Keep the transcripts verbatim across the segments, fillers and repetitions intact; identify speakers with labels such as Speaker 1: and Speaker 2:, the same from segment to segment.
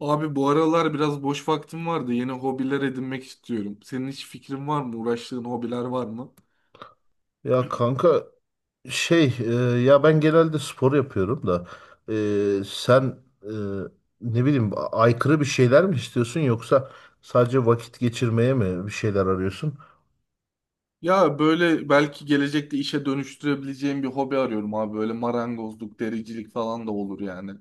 Speaker 1: Abi bu aralar biraz boş vaktim vardı. Yeni hobiler edinmek istiyorum. Senin hiç fikrin var mı? Uğraştığın hobiler var mı?
Speaker 2: Ya kanka şey e, ya ben genelde spor yapıyorum da e, sen e, ne bileyim a- aykırı bir şeyler mi istiyorsun yoksa sadece vakit geçirmeye mi bir şeyler arıyorsun?
Speaker 1: Ya böyle belki gelecekte işe dönüştürebileceğim bir hobi arıyorum abi. Böyle marangozluk, dericilik falan da olur yani.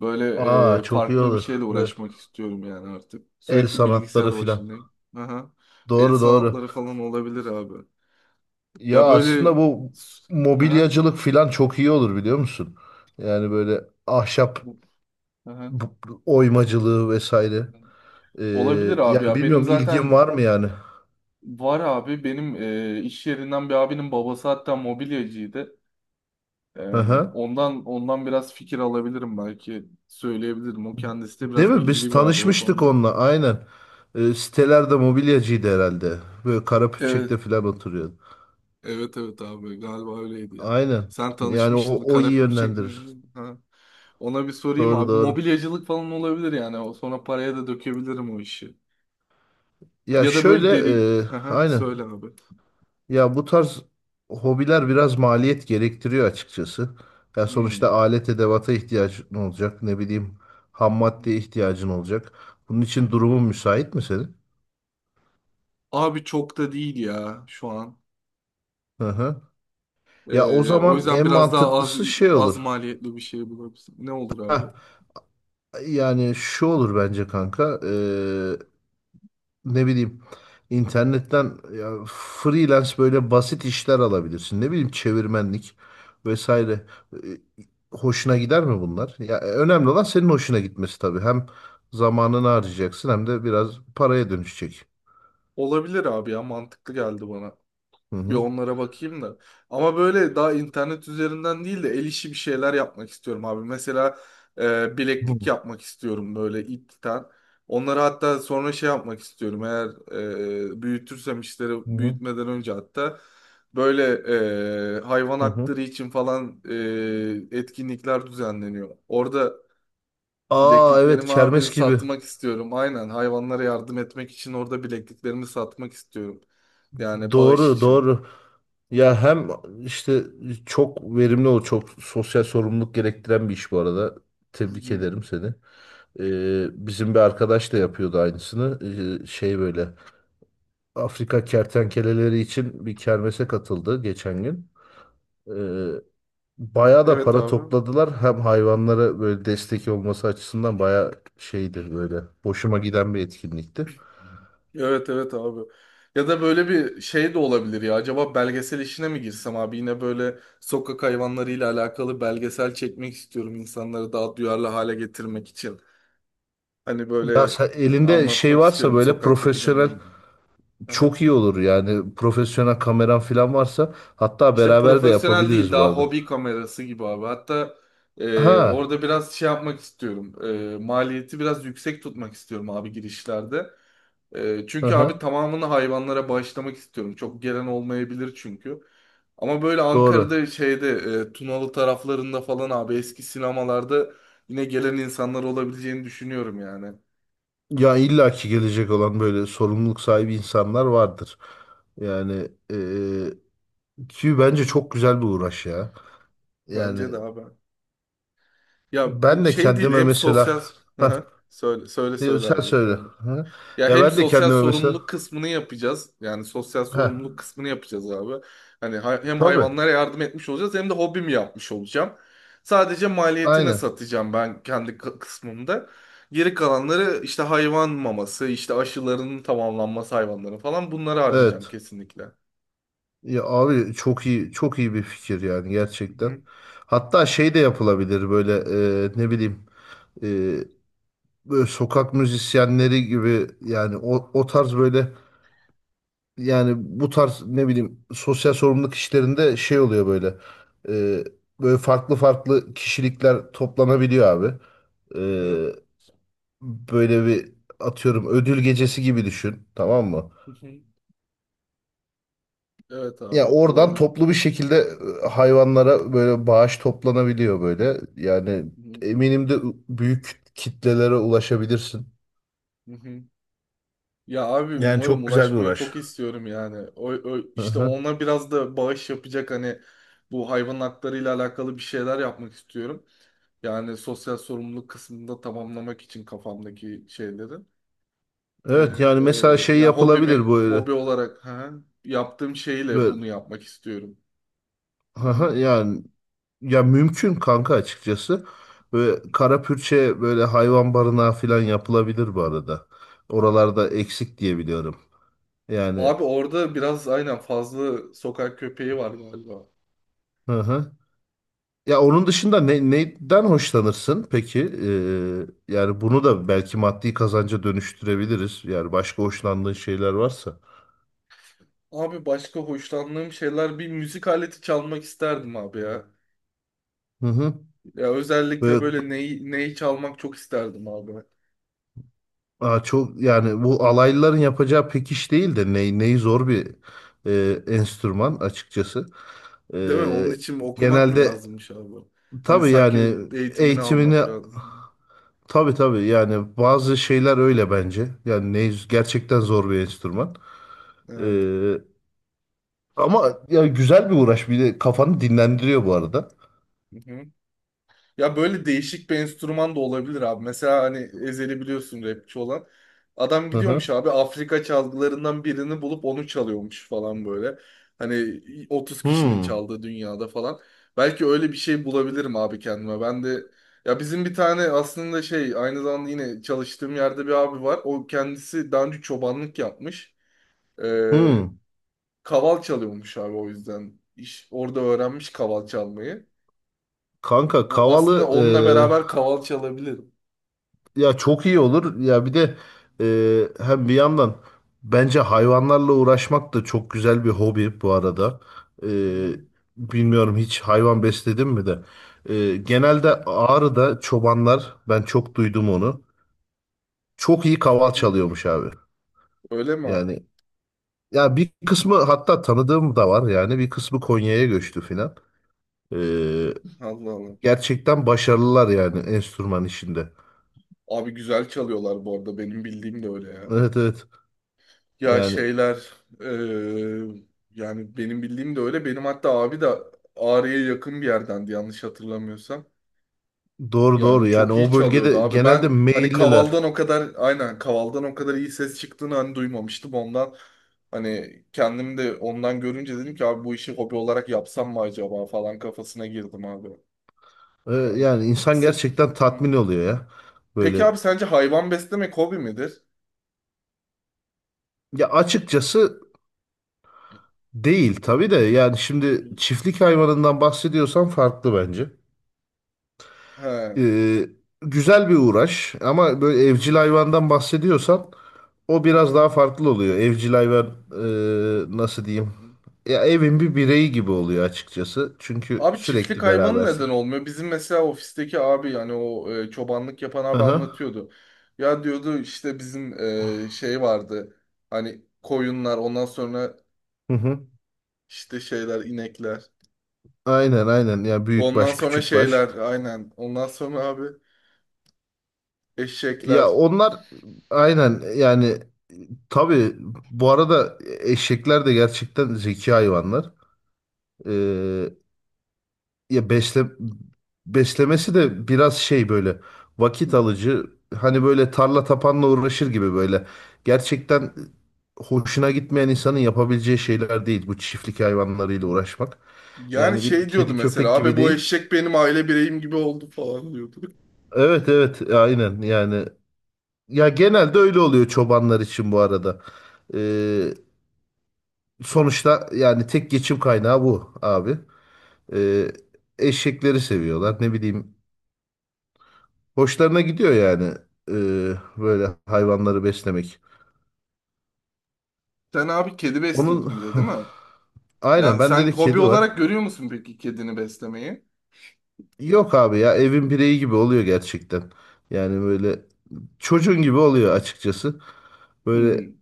Speaker 1: Böyle
Speaker 2: Aa,
Speaker 1: e,
Speaker 2: çok iyi
Speaker 1: farklı bir
Speaker 2: olur
Speaker 1: şeyle
Speaker 2: ve
Speaker 1: uğraşmak istiyorum yani artık.
Speaker 2: el
Speaker 1: Sürekli
Speaker 2: sanatları
Speaker 1: bilgisayar
Speaker 2: filan.
Speaker 1: başındayım. Aha. El
Speaker 2: Doğru doğru.
Speaker 1: sanatları falan olabilir abi.
Speaker 2: Ya
Speaker 1: Ya
Speaker 2: aslında
Speaker 1: böyle...
Speaker 2: bu
Speaker 1: Aha.
Speaker 2: mobilyacılık filan çok iyi olur biliyor musun? Yani böyle ahşap
Speaker 1: Aha.
Speaker 2: bu- bu- oymacılığı vesaire. E,
Speaker 1: Olabilir abi
Speaker 2: Yani
Speaker 1: ya. Benim
Speaker 2: bilmiyorum ilgin
Speaker 1: zaten
Speaker 2: var mı yani?
Speaker 1: var abi benim e, iş yerinden bir abinin babası hatta mobilyacıydı. E,
Speaker 2: Hı hı.
Speaker 1: ondan ondan biraz fikir alabilirim belki söyleyebilirim. O kendisi de
Speaker 2: Değil
Speaker 1: biraz
Speaker 2: mi? Biz
Speaker 1: bilgili bir abi o
Speaker 2: tanışmıştık
Speaker 1: konuda.
Speaker 2: onunla. Aynen. Ee, sitelerde mobilyacıydı herhalde. Böyle
Speaker 1: Evet.
Speaker 2: Karapürçek'te falan oturuyordu.
Speaker 1: Evet evet abi galiba öyleydi ya.
Speaker 2: Aynen.
Speaker 1: Sen
Speaker 2: Yani o,
Speaker 1: tanışmıştın
Speaker 2: o iyi
Speaker 1: Karapür
Speaker 2: yönlendirir.
Speaker 1: çekmemiştin. Ha. Ona bir sorayım
Speaker 2: Doğru
Speaker 1: abi.
Speaker 2: doğru.
Speaker 1: Mobilyacılık falan olabilir yani. O sonra paraya da dökebilirim o işi.
Speaker 2: Ya
Speaker 1: Ya da
Speaker 2: şöyle,
Speaker 1: böyle deri...
Speaker 2: e,
Speaker 1: Haha,
Speaker 2: aynen.
Speaker 1: söyle abi.
Speaker 2: Ya bu tarz hobiler biraz maliyet gerektiriyor açıkçası. Ya sonuçta
Speaker 1: Hmm.
Speaker 2: alet edevata ihtiyacın olacak. Ne bileyim, ham
Speaker 1: Hı
Speaker 2: maddeye ihtiyacın olacak. Bunun için
Speaker 1: hı.
Speaker 2: durumun müsait mi senin?
Speaker 1: Abi çok da değil ya şu an.
Speaker 2: Hı hı. Ya o
Speaker 1: Ee, o
Speaker 2: zaman
Speaker 1: yüzden
Speaker 2: en
Speaker 1: biraz daha az
Speaker 2: mantıklısı şey
Speaker 1: az
Speaker 2: olur.
Speaker 1: maliyetli bir şey bulabilirsin. Ne olur abi?
Speaker 2: Heh, yani şu olur bence kanka. Eee, ne bileyim, internetten ya, freelance böyle basit işler alabilirsin. Ne bileyim, çevirmenlik
Speaker 1: Hı.
Speaker 2: vesaire. Eee, Hoşuna gider mi bunlar? Ya, e, önemli olan senin hoşuna gitmesi tabii. Hem zamanını harcayacaksın hem de biraz paraya dönüşecek.
Speaker 1: Olabilir abi ya, mantıklı geldi bana.
Speaker 2: Hı
Speaker 1: Bir
Speaker 2: hı.
Speaker 1: onlara bakayım da. Ama böyle daha internet üzerinden değil de el işi bir şeyler yapmak istiyorum abi. Mesela e,
Speaker 2: Hı hı.
Speaker 1: bileklik yapmak istiyorum böyle ipten. Onları hatta sonra şey yapmak istiyorum. Eğer e, büyütürsem işleri
Speaker 2: Hı hı.
Speaker 1: büyütmeden önce hatta böyle e, hayvan
Speaker 2: Hı hı.
Speaker 1: hakları için falan e, etkinlikler düzenleniyor. Orada
Speaker 2: Aa, evet,
Speaker 1: bilekliklerimi abi
Speaker 2: kermes gibi.
Speaker 1: satmak istiyorum. Aynen hayvanlara yardım etmek için orada bilekliklerimi satmak istiyorum. Yani bağış
Speaker 2: Doğru,
Speaker 1: için.
Speaker 2: doğru. Ya hem işte çok verimli, ol çok sosyal sorumluluk gerektiren bir iş bu arada.
Speaker 1: Hı
Speaker 2: Tebrik
Speaker 1: hı.
Speaker 2: ederim seni. Ee, bizim bir arkadaş da yapıyordu aynısını. Ee, şey böyle Afrika kertenkeleleri için bir kermese katıldı geçen gün. Ee, Bayağı da
Speaker 1: Evet
Speaker 2: para
Speaker 1: abi.
Speaker 2: topladılar. Hem hayvanlara böyle destek olması açısından bayağı şeydir böyle. Hoşuma giden bir etkinlikti.
Speaker 1: Evet evet abi. Ya da böyle bir şey de olabilir ya. Acaba belgesel işine mi girsem abi? Yine böyle sokak hayvanlarıyla alakalı belgesel çekmek istiyorum, insanları daha duyarlı hale getirmek için. Hani
Speaker 2: Ya
Speaker 1: böyle
Speaker 2: sen
Speaker 1: e,
Speaker 2: elinde şey
Speaker 1: anlatmak
Speaker 2: varsa
Speaker 1: istiyorum
Speaker 2: böyle
Speaker 1: sokaktaki
Speaker 2: profesyonel.
Speaker 1: canlarımı.
Speaker 2: Çok iyi olur yani, profesyonel kameran falan varsa hatta
Speaker 1: İşte
Speaker 2: beraber de
Speaker 1: profesyonel değil,
Speaker 2: yapabiliriz bu
Speaker 1: daha
Speaker 2: arada.
Speaker 1: hobi kamerası gibi abi. Hatta e, orada
Speaker 2: Ha,
Speaker 1: biraz şey yapmak istiyorum. E, maliyeti biraz yüksek tutmak istiyorum abi girişlerde. E,
Speaker 2: hı
Speaker 1: çünkü abi
Speaker 2: hı,
Speaker 1: tamamını hayvanlara bağışlamak istiyorum. Çok gelen olmayabilir çünkü. Ama böyle
Speaker 2: doğru.
Speaker 1: Ankara'da şeyde e, Tunalı taraflarında falan abi eski sinemalarda yine gelen insanlar olabileceğini düşünüyorum yani.
Speaker 2: Ya illaki gelecek olan böyle sorumluluk sahibi insanlar vardır. Yani, e, ki
Speaker 1: Hı
Speaker 2: bence
Speaker 1: hı.
Speaker 2: çok güzel bir uğraş ya. Yani
Speaker 1: Bence de abi. Ya
Speaker 2: ben de
Speaker 1: şey değil
Speaker 2: kendime
Speaker 1: hem
Speaker 2: mesela
Speaker 1: sosyal... Hı
Speaker 2: ha,
Speaker 1: hı. Söyle söyle
Speaker 2: e,
Speaker 1: söyle
Speaker 2: sen
Speaker 1: abi.
Speaker 2: söyle.
Speaker 1: Böyle.
Speaker 2: Ha?
Speaker 1: Ya
Speaker 2: Ya
Speaker 1: hem
Speaker 2: ben de
Speaker 1: sosyal
Speaker 2: kendime mesela
Speaker 1: sorumluluk kısmını yapacağız. Yani sosyal
Speaker 2: ha,
Speaker 1: sorumluluk kısmını yapacağız abi. Hani hay- hem
Speaker 2: tabii,
Speaker 1: hayvanlara yardım etmiş olacağız hem de hobimi yapmış olacağım. Sadece maliyetine
Speaker 2: aynen,
Speaker 1: satacağım ben kendi kı- kısmımda. Geri kalanları işte hayvan maması, işte aşılarının tamamlanması hayvanların falan, bunları harcayacağım
Speaker 2: evet.
Speaker 1: kesinlikle. Hı
Speaker 2: Ya abi çok iyi, çok iyi bir fikir yani, gerçekten.
Speaker 1: hı.
Speaker 2: Hatta şey de
Speaker 1: Hı
Speaker 2: yapılabilir böyle, e, ne bileyim, e, böyle sokak müzisyenleri gibi yani, o, o tarz böyle, yani bu tarz ne bileyim, sosyal sorumluluk işlerinde şey oluyor böyle, e, böyle farklı farklı kişilikler toplanabiliyor abi. E,
Speaker 1: hı.
Speaker 2: Böyle bir, atıyorum, ödül gecesi gibi düşün, tamam mı?
Speaker 1: Hı hı. Evet abi,
Speaker 2: Ya oradan
Speaker 1: olabilir.
Speaker 2: toplu bir şekilde e, hayvanlara böyle bağış toplanabiliyor böyle. Yani,
Speaker 1: Hı hı.
Speaker 2: eminim de, büyük kitlelere ulaşabilirsin.
Speaker 1: Hı hı. Ya abi
Speaker 2: Yani
Speaker 1: umarım,
Speaker 2: çok güzel bir
Speaker 1: ulaşmayı
Speaker 2: uğraş.
Speaker 1: çok istiyorum yani. O, o-
Speaker 2: Hı
Speaker 1: işte
Speaker 2: hı.
Speaker 1: ona biraz da bağış yapacak hani bu hayvan haklarıyla alakalı bir şeyler yapmak istiyorum. Yani sosyal sorumluluk kısmında tamamlamak için kafamdaki şeyleri.
Speaker 2: Evet, yani
Speaker 1: Ee,
Speaker 2: mesela şey
Speaker 1: Ya hobimi
Speaker 2: yapılabilir böyle.
Speaker 1: hobi olarak ha, yaptığım şeyle
Speaker 2: Böyle,
Speaker 1: bunu yapmak istiyorum. Hı
Speaker 2: hı
Speaker 1: hı.
Speaker 2: hı, yani, ya mümkün kanka, açıkçası. Böyle kara pürçe böyle hayvan barınağı falan yapılabilir bu arada. Oralarda eksik diye biliyorum. Yani,
Speaker 1: Abi orada biraz aynen fazla sokak köpeği var galiba.
Speaker 2: hı hı. Ya onun dışında ne, neyden hoşlanırsın peki? Ee, yani bunu da belki maddi kazanca dönüştürebiliriz. Yani başka hoşlandığın şeyler varsa.
Speaker 1: Abi başka hoşlandığım şeyler, bir müzik aleti çalmak isterdim abi ya.
Speaker 2: Hı hı.
Speaker 1: Ya özellikle
Speaker 2: Böyle,
Speaker 1: böyle neyi, neyi çalmak çok isterdim abi.
Speaker 2: aa, çok, yani bu alaylıların yapacağı pek iş değil de ney, neyi zor bir e, enstrüman açıkçası.
Speaker 1: Değil mi?
Speaker 2: Ee,
Speaker 1: Onun için okumak mı
Speaker 2: Genelde,
Speaker 1: lazımmış abi? Hani
Speaker 2: tabii
Speaker 1: sanki
Speaker 2: yani,
Speaker 1: eğitimini
Speaker 2: eğitimini,
Speaker 1: almak lazım.
Speaker 2: tabii tabii yani, bazı şeyler öyle bence. Yani ney gerçekten zor bir enstrüman.
Speaker 1: Evet.
Speaker 2: Ee, Ama ya, güzel bir uğraş. Bir de kafanı dinlendiriyor bu arada.
Speaker 1: Ya böyle değişik bir enstrüman da olabilir abi. Mesela hani Ezhel'i biliyorsun, rapçi olan. Adam
Speaker 2: Hı
Speaker 1: gidiyormuş
Speaker 2: hı.
Speaker 1: abi Afrika çalgılarından birini bulup onu çalıyormuş falan böyle. Hani otuz kişinin
Speaker 2: Hmm.
Speaker 1: çaldığı dünyada falan. Belki öyle bir şey bulabilirim abi kendime. Ben de ya bizim bir tane aslında şey, aynı zamanda yine çalıştığım yerde bir abi var. O kendisi daha önce çobanlık yapmış. Ee,
Speaker 2: Hmm.
Speaker 1: Kaval çalıyormuş abi o yüzden. İş, orada öğrenmiş kaval çalmayı.
Speaker 2: Kanka
Speaker 1: O aslında,
Speaker 2: Kavalı,
Speaker 1: onunla beraber kaval çalabilirim.
Speaker 2: e, ya çok iyi olur. Ya bir de e, hem bir yandan bence hayvanlarla uğraşmak da çok güzel bir hobi bu arada. E,
Speaker 1: Hı hı,
Speaker 2: Bilmiyorum, hiç hayvan besledim mi de. E,
Speaker 1: hı hı,
Speaker 2: genelde Ağrı'da çobanlar, ben çok duydum onu. Çok iyi
Speaker 1: hı
Speaker 2: kaval
Speaker 1: hı.
Speaker 2: çalıyormuş abi.
Speaker 1: Öyle mi abi?
Speaker 2: Yani ya, bir kısmı hatta tanıdığım da var yani, bir kısmı Konya'ya göçtü filan. Ee,
Speaker 1: Allah Allah.
Speaker 2: Gerçekten başarılılar yani enstrüman işinde.
Speaker 1: Abi güzel çalıyorlar bu arada. Benim bildiğim de öyle ya.
Speaker 2: Evet, evet.
Speaker 1: Ya
Speaker 2: Yani
Speaker 1: şeyler eee, yani benim bildiğim de öyle. Benim hatta abi de Ağrı'ya yakın bir yerdendi yanlış hatırlamıyorsam.
Speaker 2: doğru doğru.
Speaker 1: Yani
Speaker 2: Yani
Speaker 1: çok iyi
Speaker 2: o
Speaker 1: çalıyordu
Speaker 2: bölgede
Speaker 1: abi.
Speaker 2: genelde
Speaker 1: Ben hani
Speaker 2: meyilliler.
Speaker 1: Kaval'dan o kadar, aynen Kaval'dan o kadar iyi ses çıktığını hani duymamıştım ondan. Hani kendim de ondan görünce dedim ki abi bu işi hobi olarak yapsam mı acaba falan, kafasına girdim abi.
Speaker 2: Ee,
Speaker 1: Yani
Speaker 2: yani insan
Speaker 1: se-
Speaker 2: gerçekten tatmin oluyor ya.
Speaker 1: peki
Speaker 2: Böyle.
Speaker 1: abi, sence hayvan beslemek hobi midir?
Speaker 2: Ya açıkçası değil tabii de. Yani şimdi çiftlik hayvanından bahsediyorsan farklı bence.
Speaker 1: He.
Speaker 2: Ee, Güzel bir uğraş ama böyle evcil hayvandan bahsediyorsan o biraz daha farklı oluyor. Evcil hayvan, e, nasıl diyeyim? Ya evin bir bireyi gibi oluyor açıkçası. Çünkü
Speaker 1: Abi çiftlik
Speaker 2: sürekli
Speaker 1: hayvanı neden
Speaker 2: berabersin.
Speaker 1: olmuyor? Bizim mesela ofisteki abi yani o e, çobanlık yapan
Speaker 2: Hı
Speaker 1: abi
Speaker 2: hı.
Speaker 1: anlatıyordu. Ya diyordu işte bizim e, şey vardı. Hani koyunlar, ondan sonra
Speaker 2: Hı hı.
Speaker 1: işte şeyler inekler.
Speaker 2: Aynen aynen, ya büyük
Speaker 1: Ondan
Speaker 2: baş
Speaker 1: sonra
Speaker 2: küçük baş.
Speaker 1: şeyler aynen. Ondan sonra abi eşekler.
Speaker 2: Ya onlar, aynen yani, tabii bu arada eşekler de gerçekten zeki hayvanlar. Ee, Ya besle beslemesi de biraz şey, böyle vakit alıcı. Hani böyle tarla tapanla uğraşır gibi böyle. Gerçekten hoşuna gitmeyen insanın yapabileceği şeyler değil bu çiftlik hayvanlarıyla uğraşmak.
Speaker 1: Yani
Speaker 2: Yani bir
Speaker 1: şey diyordu
Speaker 2: kedi
Speaker 1: mesela
Speaker 2: köpek
Speaker 1: abi,
Speaker 2: gibi
Speaker 1: bu
Speaker 2: değil.
Speaker 1: eşek benim aile bireyim gibi oldu falan diyordu.
Speaker 2: Evet, evet, aynen yani. Ya genelde öyle oluyor çobanlar için bu arada. Ee, Sonuçta yani tek geçim kaynağı bu abi. Ee, Eşekleri seviyorlar, ne bileyim. Hoşlarına gidiyor yani eee, böyle hayvanları beslemek.
Speaker 1: Sen abi kedi
Speaker 2: Onun.
Speaker 1: besliyordun bir de, değil mi?
Speaker 2: Aynen,
Speaker 1: Ya
Speaker 2: bende
Speaker 1: sen
Speaker 2: de
Speaker 1: hobi
Speaker 2: kedi var.
Speaker 1: olarak görüyor musun peki kedini beslemeyi?
Speaker 2: Yok abi ya, evin bireyi gibi oluyor gerçekten. Yani böyle çocuğun gibi oluyor açıkçası. Böyle.
Speaker 1: Hmm.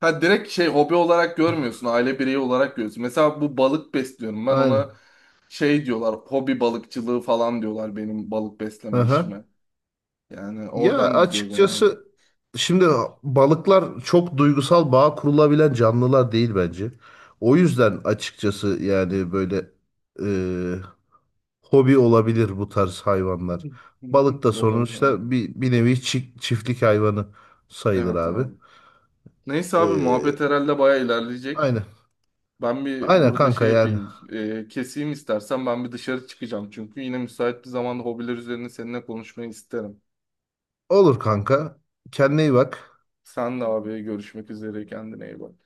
Speaker 1: Ha, direkt şey, hobi olarak görmüyorsun, aile bireyi olarak görüyorsun. Mesela bu balık besliyorum ben, ona
Speaker 2: Aynen.
Speaker 1: şey diyorlar, hobi balıkçılığı falan diyorlar benim balık besleme
Speaker 2: Aha.
Speaker 1: işime. Yani
Speaker 2: Ya
Speaker 1: oradan gidiyor genelde.
Speaker 2: açıkçası, şimdi balıklar çok duygusal bağ kurulabilen canlılar değil bence. O yüzden açıkçası yani, böyle e, hobi olabilir bu tarz
Speaker 1: Hı
Speaker 2: hayvanlar.
Speaker 1: hı.
Speaker 2: Balık da
Speaker 1: Olabilir abi.
Speaker 2: sonuçta bir, bir nevi çi- çiftlik hayvanı sayılır
Speaker 1: Evet
Speaker 2: abi.
Speaker 1: abi. Neyse abi,
Speaker 2: Ee,
Speaker 1: muhabbet herhalde baya ilerleyecek.
Speaker 2: aynen.
Speaker 1: Ben bir
Speaker 2: Aynen
Speaker 1: burada
Speaker 2: kanka
Speaker 1: şey
Speaker 2: yani.
Speaker 1: yapayım. E, keseyim istersen, ben bir dışarı çıkacağım. Çünkü yine müsait bir zamanda hobiler üzerine seninle konuşmayı isterim.
Speaker 2: Olur kanka. Kendine iyi bak.
Speaker 1: Sen de abi, görüşmek üzere, kendine iyi bak.